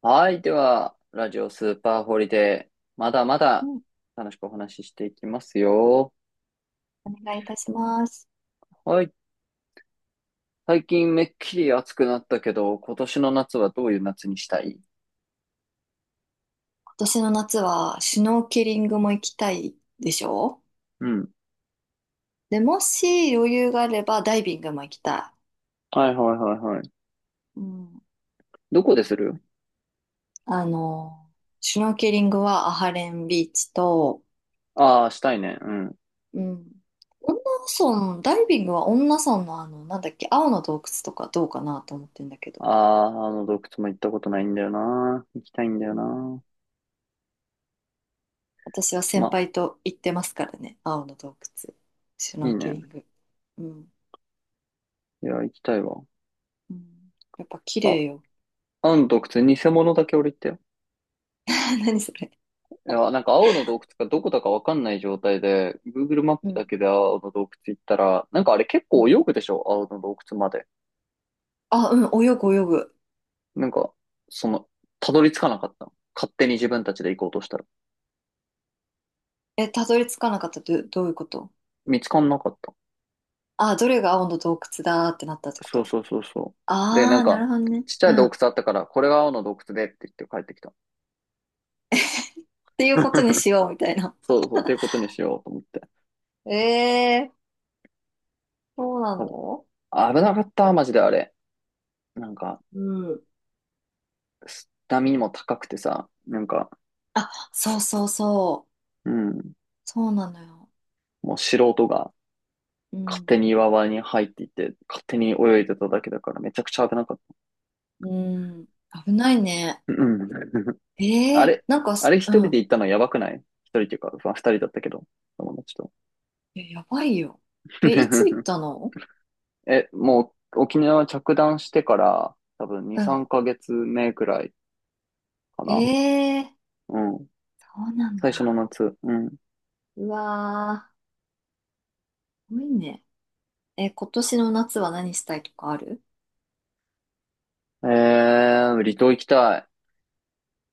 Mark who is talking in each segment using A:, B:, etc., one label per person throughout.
A: はい。では、ラジオスーパーホリデー。まだま
B: う
A: だ
B: ん、
A: 楽しくお話ししていきますよ。
B: お願いいたします。
A: はい。最近めっきり暑くなったけど、今年の夏はどういう夏にしたい？
B: 今年の夏はシュノーケリングも行きたいでしょ、
A: うん。
B: で、もし余裕があればダイビングも行きた
A: はいはいはいはい。
B: い。うん、
A: どこでする？
B: あの、シュノーケリングはアハレンビーチと、
A: ああー、したいね。うん。
B: うん、恩納村、ダイビングは恩納村のなんだっけ、青の洞窟とかどうかなと思ってんだけど。
A: ああ、あの洞窟も行ったことないんだよな。行きたいんだよ
B: うん、
A: な。
B: 私は先
A: ま、
B: 輩と行ってますからね、青の洞窟、シュ
A: い
B: ノ
A: い
B: ーケ
A: ね。
B: リング。うん、
A: いや、行きたいわ。
B: うん、やっぱ綺麗
A: あ、
B: よ。
A: あの洞窟、偽物だけ俺行ったよ。
B: 何それ。
A: いや、なんか青の洞窟がどこだかわかんない状態で、Google マッ
B: う
A: プだ
B: ん、
A: けで青の洞窟行ったら、なんかあれ結
B: う
A: 構泳
B: ん、
A: ぐでしょ青の洞窟まで。
B: あ、うん、泳ぐ泳ぐ。
A: なんか、その、たどり着かなかった。勝手に自分たちで行こうとしたら。
B: え、たどり着かなかった、ど、どういうこと？
A: 見つかんなかった。
B: あ、どれが青の洞窟だーってなったってこ
A: そう
B: と？
A: そうそうそう。で、な
B: あ
A: ん
B: あー、なる
A: か、
B: ほどね。
A: ちっちゃ
B: う
A: い
B: ん。
A: 洞窟
B: っ
A: あったから、これが青の洞窟でって言って帰ってきた。
B: ていうことに しようみたいな。
A: そうそう、ということにしようと思って。
B: ええー、そうなの？
A: 危なかった、マジであれ。なんか、
B: うん。
A: 波も高くてさ、なんか、
B: あ、そうそうそう。
A: うん、
B: そうなのよ。
A: もう素人が
B: う
A: 勝手
B: ん。
A: に岩場に入っていって、勝手に泳いでただけだから、めちゃくちゃ危なかっ
B: うん。危ないね。
A: た。うん。
B: え
A: あ
B: えー、
A: れ、
B: なんか
A: あ
B: す、
A: れ一
B: う
A: 人
B: ん。
A: で行ったのやばくない？一人っていうか、まあ、二人だったけど、友達と。
B: え、やばいよ。え、いつ行っ たの？
A: え、もう沖縄着弾してから、多分2、
B: うん。
A: 3ヶ月目くらいか
B: え
A: な。
B: えー、
A: うん。
B: そうなん
A: 最初の
B: だ。
A: 夏。うん。
B: うわー、すごいね。え、今年の夏は何したいとかある？
A: 離島行きたい。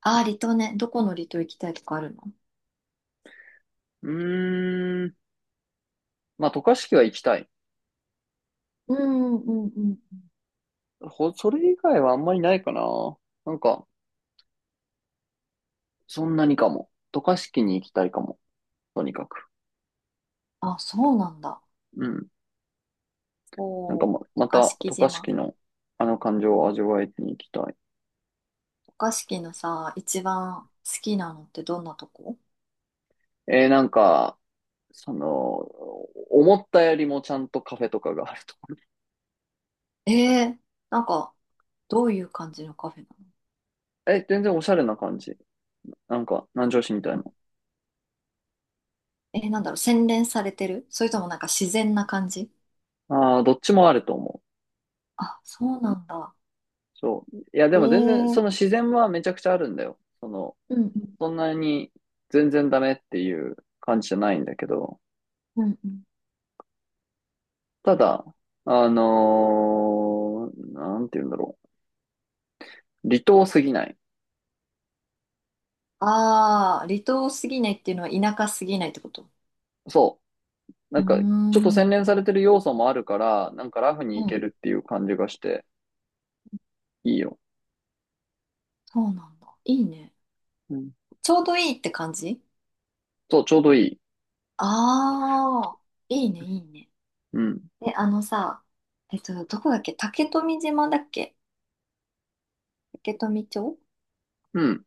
B: ああー、離島ね。どこの離島行きたいとかあるの？
A: うーん。まあ、渡嘉敷は行きたい。
B: うんうんうんうん。
A: それ以外はあんまりないかな。なんか、そんなにかも。渡嘉敷に行きたいかも。とにかく。
B: あ、そうなんだ。
A: うん。なんか
B: おー、
A: ま、
B: 渡
A: ま
B: 嘉
A: た、
B: 敷
A: 渡嘉
B: 島。
A: 敷のあの感情を味わいに行きたい。
B: 渡嘉敷のさ、一番好きなのってどんなとこ？
A: なんか、その、思ったよりもちゃんとカフェとかがあると。
B: えー、なんか、どういう感じのカフェなの？
A: え、全然おしゃれな感じ。なんか、南城市みた
B: う
A: い
B: ん、
A: な。
B: えー、なんだろう、洗練されてる、それともなんか自然な感じ？
A: ああ、どっちもあると思
B: あ、そうなんだ。
A: う。そう。いや、で
B: え
A: も全然、そ
B: ー、
A: の自然はめちゃくちゃあるんだよ。
B: うんうん、
A: そんなに全然ダメっていう感じじゃないんだけど、
B: うんうん、
A: ただ、なんて言うんだろう。離島すぎない。
B: あー、離島すぎないっていうのは田舎すぎないってこと？
A: そう。な
B: う
A: ん
B: ー
A: か、ちょっと
B: ん、
A: 洗練されてる要素もあるから、なんかラフに
B: う
A: いけ
B: ん、
A: るっていう感じがして、いいよ。
B: そうなんだ。いいね。
A: うん。
B: ちょうどいいって感じ？
A: そう、ちょうどいい。
B: ああ、いいね、いいね。
A: うん。
B: で、あのさ、どこだっけ、竹富島だっけ？竹富町、
A: うん。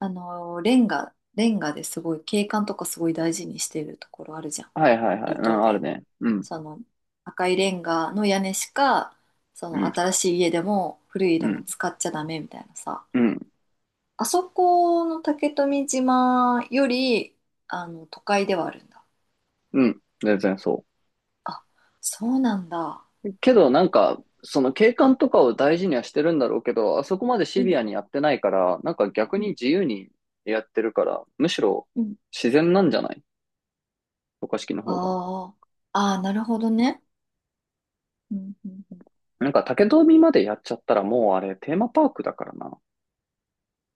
B: あの、レンガ、レンガですごい景観とかすごい大事にしてるところあるじゃん。
A: はいはいはい。
B: 離
A: う
B: 島
A: ん、ある
B: で。
A: ね。うん。
B: その、赤いレンガの屋根しか、そ
A: う
B: の、
A: ん。
B: 新しい家でも古い家
A: う
B: でも
A: ん。
B: 使っちゃダメみたいなさ。
A: うん。
B: あそこの竹富島より、あの、都会ではあるんだ。
A: うん。全然そ
B: あ、そうなんだ。
A: う。けど、なんか、その景観とかを大事にはしてるんだろうけど、あそこまでシ
B: うん
A: ビアにやってないから、なんか逆
B: う
A: に
B: ん
A: 自由にやってるから、むしろ
B: うん、
A: 自然なんじゃない？渡嘉敷の方が。
B: あー、あー、なるほどね。うんうんうん、
A: なんか竹富までやっちゃったらもうあれテーマパークだからな。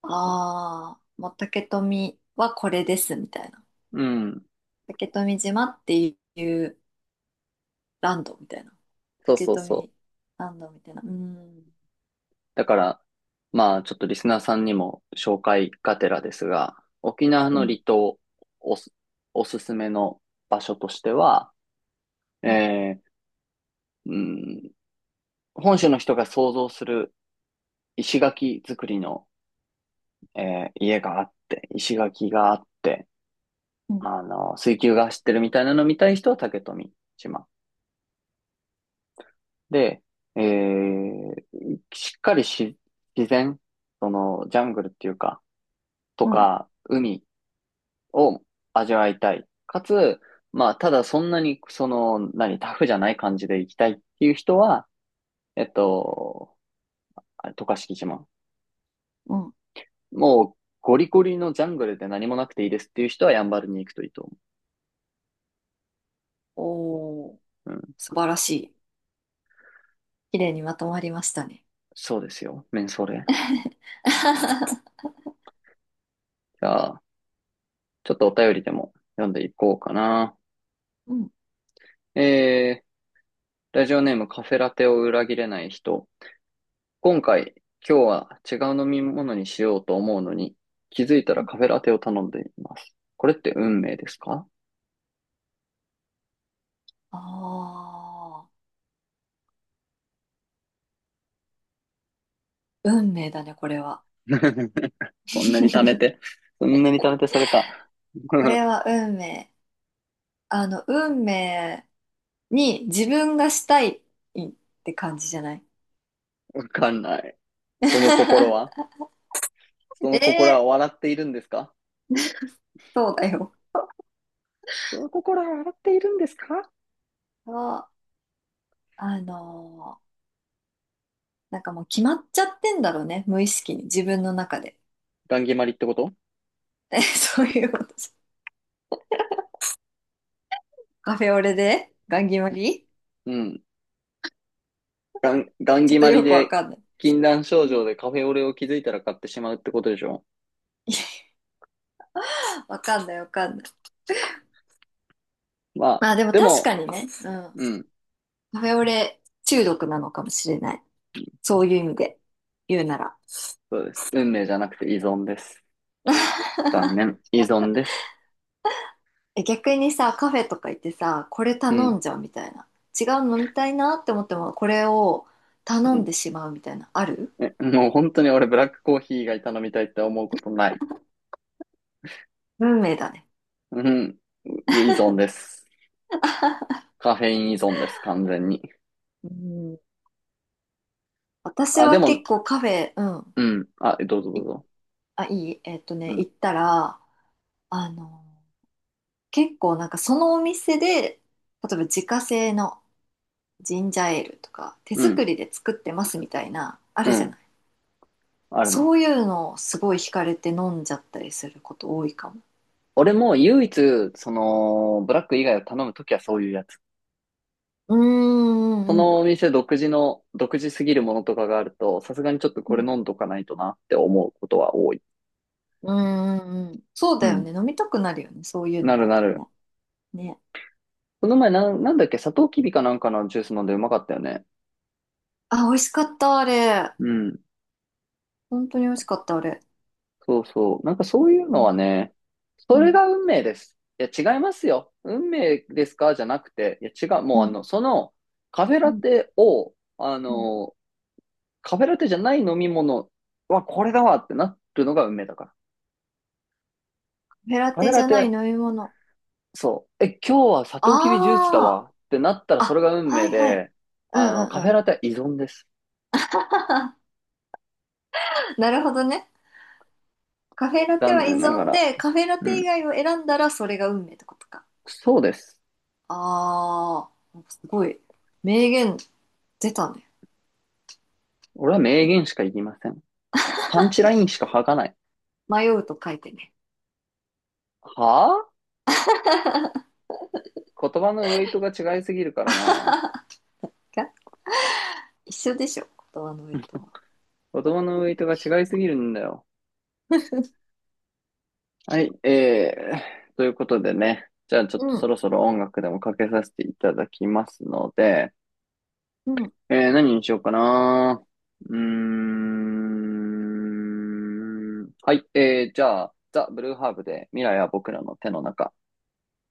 B: ああ、もう竹富はこれですみたいな。
A: うん。
B: 竹富島っていうランドみたいな。
A: そう
B: 竹
A: そうそ
B: 富
A: う。
B: ランドみたいな。うん。
A: だから、まあ、ちょっとリスナーさんにも紹介がてらですが、沖縄
B: う
A: の離
B: ん
A: 島おす、おすすめの場所としては、
B: う
A: えーうん、本州の人が想像する石垣作りの、え家があって、石垣があって、
B: ん
A: あの、水球が走ってるみたいなの見たい人は竹富島。で、えーしっかりし、自然、その、ジャングルっていうか、と
B: うん
A: か、海、を味わいたい。かつ、まあ、ただそんなに、その、何、タフじゃない感じで行きたいっていう人は、えっと、あれ渡嘉敷島。
B: うん、
A: もう、ゴリゴリのジャングルで何もなくていいですっていう人はやんばるに行くといいと思
B: おおー、
A: う。うん。
B: 素晴らしい。綺麗にまとまりましたね。
A: そうですよ。メンソーレ。じゃあ、ちょっとお便りでも読んでいこうかな。
B: うん
A: えラジオネームカフェラテを裏切れない人。今回、今日は違う飲み物にしようと思うのに、気づいた
B: う
A: ら
B: ん
A: カフェラテを頼んでいます。これって運
B: うん、
A: 命ですか？
B: ああ、運命だね、これは。
A: そんなに貯め て、そんなに貯めてそれか。
B: これ は運命。あの、運命に自分がしたいって感じじゃない？
A: わかんない。その心 はそ
B: え
A: の心は
B: え、
A: 笑っているんですか？
B: そうだよ。
A: その心は笑っているんですか？
B: そう、あのー、なんかもう決まっちゃってんだろうね、無意識に、自分の中で。
A: ガンギマリってこと？
B: え、そういうことじゃん。カフェオレでガン決まり、
A: うん。ガン
B: ちょ
A: ギ
B: っと
A: マ
B: よ
A: リ
B: くわ
A: で、
B: かんない。
A: 禁断
B: う
A: 症
B: ん。
A: 状でカフェオレを気づいたら買ってしまうってことでしょ？
B: わかんない、わかんない。
A: まあ、
B: まあでも
A: で
B: 確
A: も、
B: かにね、うん。
A: うん、
B: カフェオレ中毒なのかもしれない。そういう意味で言うなら。
A: そうです。運命じゃなくて依存です。残念。依存です。
B: え、逆にさ、カフェとか行ってさ、これ
A: う
B: 頼
A: ん。
B: んじゃうみたいな。違うの飲みたいなって思っても、これを頼
A: う
B: ん
A: ん。
B: でしまうみたいな。ある？
A: え、もう本当に俺ブラックコーヒー以外頼みたいって思うことない。
B: 運命だね。
A: うん。いや依存です。カフェイン依存です、完全に。
B: うん。私
A: あ、で
B: は結
A: も、
B: 構カフェ、うん、
A: うん。あ、どうぞどう
B: い、
A: ぞ。
B: あ、いい、
A: う
B: 行
A: ん。
B: ったら、あの、結構なんかそのお店で、例えば自家製のジンジャーエールとか、手
A: う
B: 作
A: ん。
B: りで作ってますみたいな、あ
A: う
B: るじゃな
A: ん。
B: い。
A: あるね。
B: そういうのをすごい惹かれて飲んじゃったりすること多いかも。
A: 俺も唯一、その、ブラック以外を頼むときはそういうやつ。
B: うー
A: そ
B: ん、う
A: の
B: ん、
A: お店独自の、独自すぎるものとかがあると、さすがにちょっと
B: う
A: これ
B: ん。
A: 飲んどかないとなって思うことは多い。
B: うんうんうん。そう
A: う
B: だよ
A: ん。
B: ね。飲みたくなるよね。そういう
A: な
B: の
A: る
B: だ
A: な
B: と
A: る。
B: ね。ね。
A: この前なんだっけ、サトウキビかなんかのジュース飲んでうまかったよね。
B: あ、美味しかった、あれ。
A: うん。
B: 本当に美味しかった、あれ。
A: そうそう。なんかそういう
B: う
A: のは
B: ん。
A: ね、
B: う
A: それ
B: ん。
A: が運命です。いや、違いますよ。運命ですかじゃなくて、いや、違う。
B: う
A: もうあ
B: ん。
A: の、その、カフェ
B: う
A: ラ
B: ん。
A: テを、あ
B: うん、
A: の、カフェラテじゃない飲み物はこれだわってなるのが運命だから。
B: カフェラ
A: カフェ
B: テじ
A: ラ
B: ゃない
A: テ、
B: 飲み物。
A: そう。え、今日はサ
B: あ
A: トウキビジュースだわ
B: あ。
A: ってなったらそれ
B: あ、
A: が運
B: は
A: 命
B: いはい。
A: で、
B: うん
A: あの、
B: う
A: カ
B: ん
A: フ
B: う
A: ェ
B: ん。
A: ラテは依存です。
B: なるほどね。カフェラテ
A: 残
B: は依
A: 念なが
B: 存
A: ら。
B: で、カフェラ
A: う
B: テ以
A: ん。
B: 外を選んだらそれが運命ってことか。
A: そうです。
B: ああ、すごい。名言出たね。
A: 俺は名言しか言いません。パンチラインしか吐かない。
B: 迷うと書いてね。
A: はぁ言葉のウェイトが違いすぎるからな。
B: が一緒でしょ、言葉の上とは。
A: 言葉のウェイトが違いすぎるんだよ。はい、ということでね。じゃあちょっと
B: う
A: そ
B: ん、
A: ろそろ音楽でもかけさせていただきますので、
B: うん。
A: 何にしようかな。うーん。はい、じゃあ、ザ・ブルーハーブで未来は僕らの手の中。